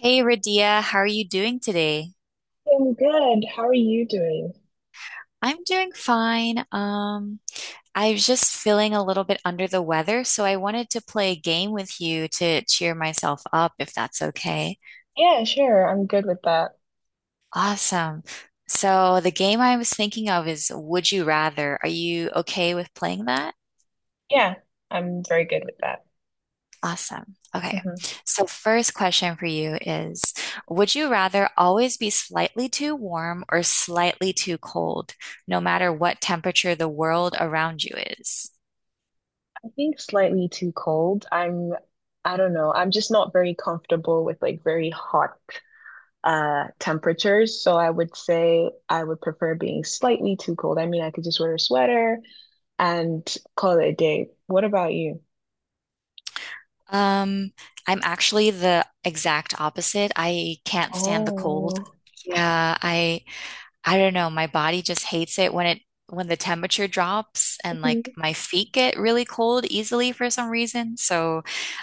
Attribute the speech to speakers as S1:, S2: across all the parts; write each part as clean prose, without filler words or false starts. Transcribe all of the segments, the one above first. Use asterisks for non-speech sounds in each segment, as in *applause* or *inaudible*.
S1: Hey Radia, how are you doing today?
S2: I'm good. How are you doing?
S1: I'm doing fine. I was just feeling a little bit under the weather, so I wanted to play a game with you to cheer myself up, if that's okay.
S2: Yeah, sure. I'm good with that.
S1: Awesome. So the game I was thinking of is Would You Rather? Are you okay with playing that?
S2: Yeah, I'm very good with that.
S1: Awesome. Okay.
S2: Hmm
S1: So first question for you is, would you rather always be slightly too warm or slightly too cold, no matter what temperature the world around you is?
S2: I think slightly too cold. I don't know. I'm just not very comfortable with like very hot temperatures. So I would say I would prefer being slightly too cold. I mean, I could just wear a sweater and call it a day. What about you?
S1: Um, I'm actually the exact opposite. I can't stand the cold.
S2: Oh.
S1: Yeah, I don't know. My body just hates it when the temperature drops and like my feet get really cold easily for some reason. So,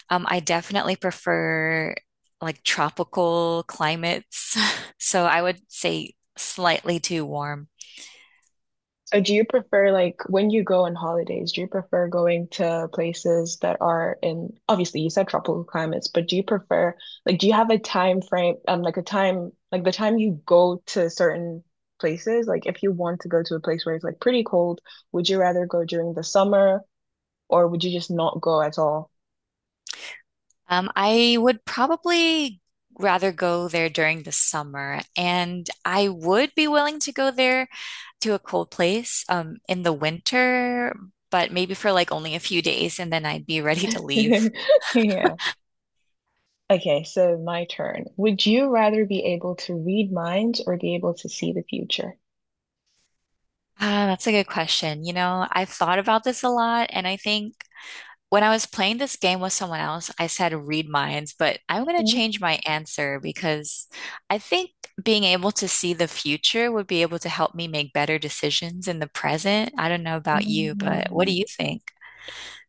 S1: I definitely prefer like tropical climates. *laughs* So I would say slightly too warm.
S2: So do you prefer like when you go on holidays, do you prefer going to places that are in obviously you said tropical climates, but do you prefer like do you have a time frame like a time like the time you go to certain places, like if you want to go to a place where it's like pretty cold, would you rather go during the summer or would you just not go at all?
S1: I would probably rather go there during the summer, and I would be willing to go there to a cold place in the winter, but maybe for like only a few days and then I'd be ready to leave.
S2: *laughs* Yeah. Okay, so my turn. Would you rather be able to read minds or be able to see the future?
S1: Ah, that's a good question. You know, I've thought about this a lot, and I think when I was playing this game with someone else, I said read minds, but I'm going to
S2: Mhm.
S1: change my answer because I think being able to see the future would be able to help me make better decisions in the present. I don't know about you, but what do
S2: Mm.
S1: you think?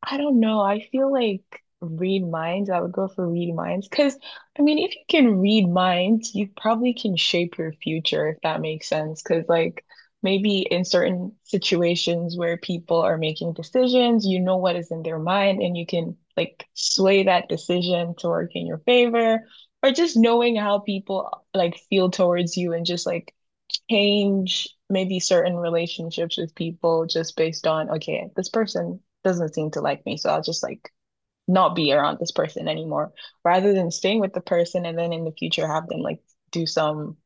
S2: I don't know. I feel like read minds. I would go for read minds because I mean, if you can read minds, you probably can shape your future if that makes sense. Because like maybe in certain situations where people are making decisions, you know what is in their mind, and you can like sway that decision to work in your favor, or just knowing how people like feel towards you and just like change maybe certain relationships with people just based on, okay, this person doesn't seem to like me, so I'll just like not be around this person anymore, rather than staying with the person and then in the future have them like do some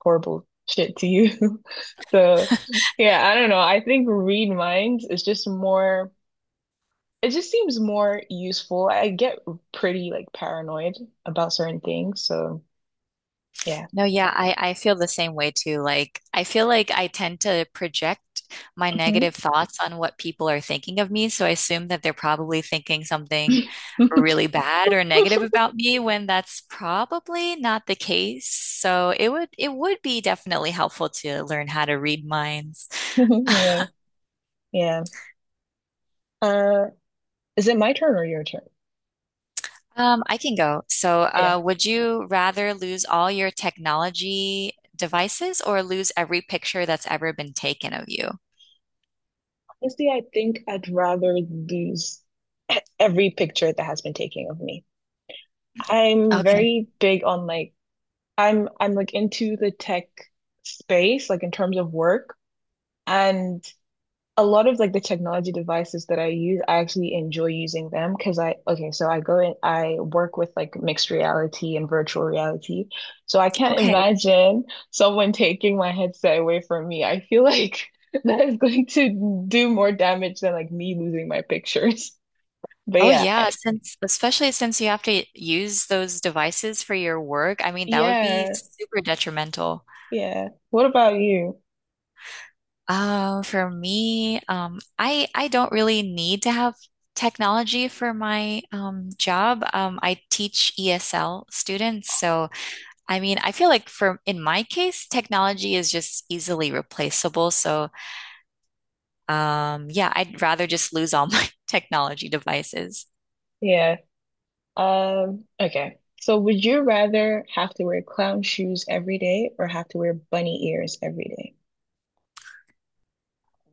S2: horrible shit to you. *laughs* So, yeah, I don't know. I think read minds is just more, it just seems more useful. I get pretty like paranoid about certain things, so yeah.
S1: No, yeah, I feel the same way too. Like, I feel like I tend to project my
S2: Mhm.
S1: negative thoughts on what people are thinking of me. So I assume that they're probably thinking something
S2: *laughs*
S1: really bad or negative about me when that's probably not the case. So it would be definitely helpful to learn how to read minds. *laughs*
S2: Yeah, yeah. Uh, Is it my turn or your turn?
S1: I can go. So,
S2: Yeah.
S1: would you rather lose all your technology devices or lose every picture that's ever been taken of you?
S2: Honestly, I think I'd rather lose *laughs* every picture that has been taken of me. I'm
S1: Okay.
S2: very big on like I'm like into the tech space, like in terms of work. And a lot of like the technology devices that I use, I actually enjoy using them because I, okay, so I go and I work with like mixed reality and virtual reality. So I can't
S1: Okay.
S2: imagine someone taking my headset away from me. I feel like *laughs* that is going to do more damage than like me losing my pictures. *laughs* But
S1: Oh
S2: yeah, I-
S1: yeah, since especially since you have to use those devices for your work, I mean that would be
S2: yeah,
S1: super detrimental.
S2: yeah. What about you?
S1: For me, I don't really need to have technology for my job. I teach ESL students, so I mean I feel like for in my case, technology is just easily replaceable. So yeah, I'd rather just lose all *laughs* my technology devices.
S2: Yeah. Okay. So would you rather have to wear clown shoes every day or have to wear bunny ears every day?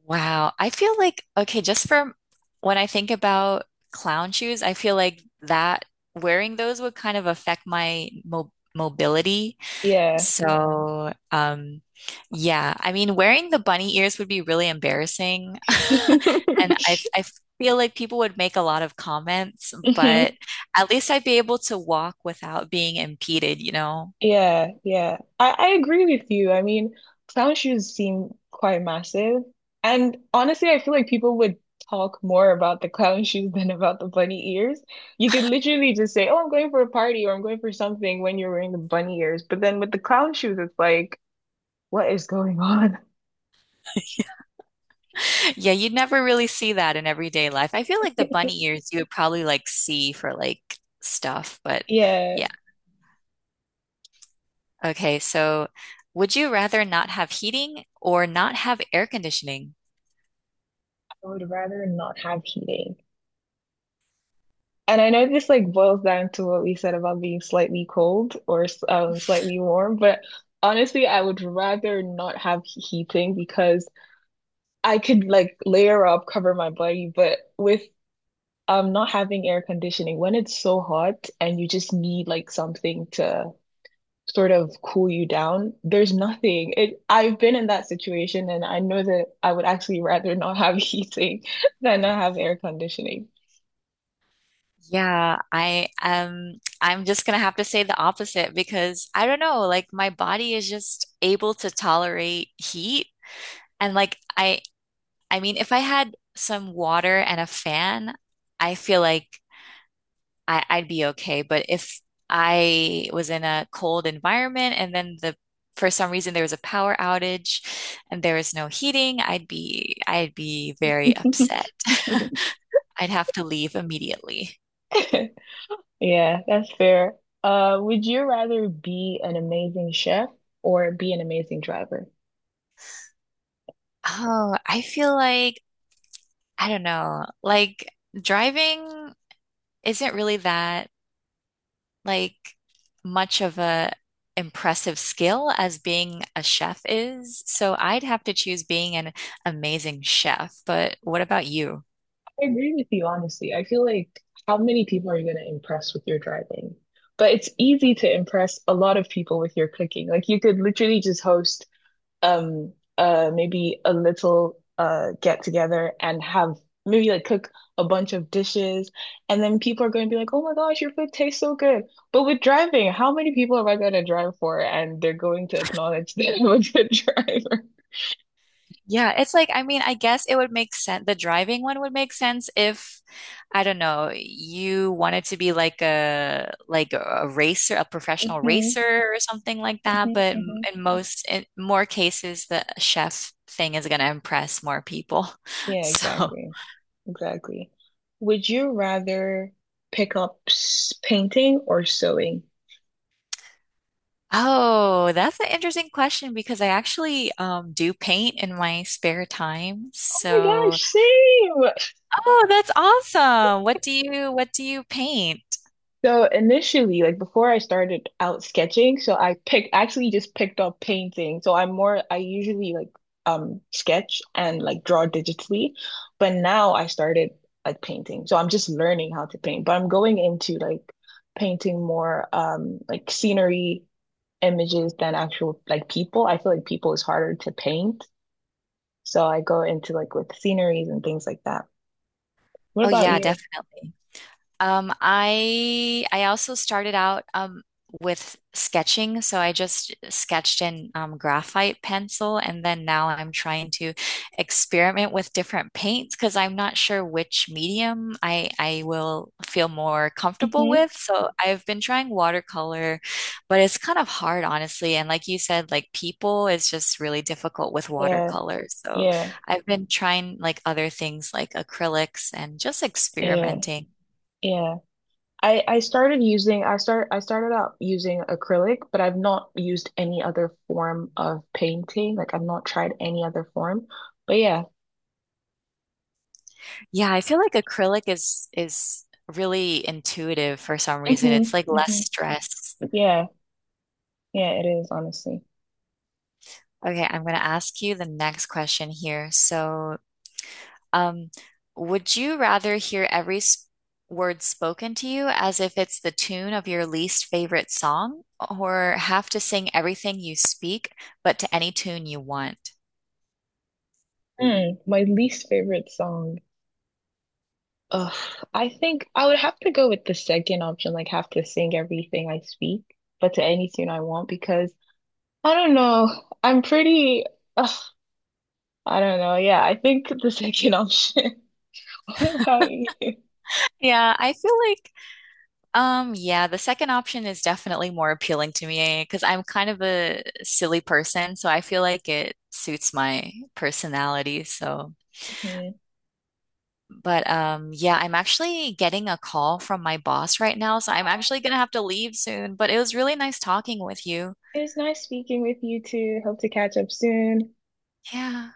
S1: Wow. I feel like, okay, just for when I think about clown shoes, I feel like that wearing those would kind of affect my mo mobility.
S2: Yeah.
S1: So, yeah, I mean, wearing the bunny ears would be really embarrassing. *laughs*
S2: *laughs*
S1: And I feel like people would make a lot of comments, but
S2: Mhm.
S1: at least I'd be able to walk without being impeded, you know?
S2: Yeah, yeah. I agree with you. I mean, clown shoes seem quite massive. And honestly, I feel like people would talk more about the clown *laughs* shoes than about the bunny ears. You could literally just say, oh, I'm going for a party or I'm going for something when you're wearing the bunny ears. But then with the clown shoes, it's like, what is going on?
S1: Yeah, you'd never really see that in everyday life. I feel like the bunny
S2: *laughs*
S1: ears you would probably like see for like stuff, but
S2: Yeah, I
S1: yeah. Okay, so would you rather not have heating or not have air conditioning?
S2: would rather not have heating. And I know this like boils down to what we said about being slightly cold or slightly warm, but honestly, I would rather not have heating because I could like layer up, cover my body, but with not having air conditioning, when it's so hot and you just need like something to sort of cool you down, there's nothing. It I've been in that situation and I know that I would actually rather not have *laughs* heating than not have air conditioning.
S1: Yeah, I I'm just gonna have to say the opposite because I don't know, like my body is just able to tolerate heat and like I mean if I had some water and a fan, I feel like I'd be okay. But if I was in a cold environment and then the for some reason there was a power outage and there was no heating, I'd be very upset. *laughs* I'd have to leave immediately.
S2: *laughs* Yeah, that's fair. Would you rather be an amazing chef or be an amazing driver?
S1: Oh, I feel like I don't know, like driving isn't really that like much of a impressive skill as being a chef is. So I'd have to choose being an amazing chef. But what about you?
S2: I agree with you, honestly. I feel like how many people are you going to impress with your driving? But it's easy to impress a lot of people with your cooking. Like you could literally just host maybe a little get together and have maybe like cook a bunch of dishes and then people are going to be like oh my gosh your food tastes so good but with driving how many people am I going to drive for and they're going to acknowledge that I'm a good *laughs* driver
S1: Yeah, it's like, I mean, I guess it would make sense. The driving one would make sense if, I don't know, you wanted to be like a racer, a professional
S2: hmm
S1: racer or something like that.
S2: hmm
S1: But
S2: hmm
S1: in more cases, the chef thing is gonna impress more people. *laughs*
S2: yeah
S1: So,
S2: exactly exactly would you rather pick up painting or sewing?
S1: oh, that's an interesting question because I actually do paint in my spare time.
S2: Oh my
S1: So,
S2: gosh, same.
S1: oh, that's awesome. What do you paint?
S2: So initially, like before I started out sketching, so I picked actually just picked up painting. So I'm more I usually like sketch and like draw digitally, but now I started like painting. So I'm just learning how to paint, but I'm going into like painting more like scenery images than actual like people. I feel like people is harder to paint. So I go into like with sceneries and things like that. What
S1: Oh
S2: about
S1: yeah,
S2: you?
S1: definitely. I also started out with sketching, so I just sketched in graphite pencil, and then now I'm trying to experiment with different paints because I'm not sure which medium I will feel more comfortable
S2: Hmm
S1: with. So I've been trying watercolor, but it's kind of hard, honestly. And like you said, like people is just really difficult with
S2: Yeah,
S1: watercolor. So
S2: yeah,
S1: I've been trying like other things like acrylics and just
S2: yeah,
S1: experimenting.
S2: yeah. I started out using acrylic, but I've not used any other form of painting. Like I've not tried any other form. But yeah.
S1: Yeah, I feel like acrylic is really intuitive for some reason.
S2: hmm
S1: It's like less
S2: hmm
S1: stress.
S2: Yeah. Yeah, it is honestly.
S1: Okay, I'm going to ask you the next question here. So, um, would you rather hear every s word spoken to you as if it's the tune of your least favorite song, or have to sing everything you speak, but to any tune you want?
S2: Mm, my least favorite song. Ugh, I think I would have to go with the second option, like have to sing everything I speak, but to any tune I want because I don't know. I'm pretty ugh, I don't know. Yeah, I think the second option. *laughs* What about you?
S1: Yeah, I feel like yeah, the second option is definitely more appealing to me because I'm kind of a silly person, so I feel like it suits my personality. So,
S2: Mhm.
S1: but yeah, I'm actually getting a call from my boss right now, so I'm actually gonna have to leave soon, but it was really nice talking with you.
S2: It was nice speaking with you too. Hope to catch up soon.
S1: Yeah.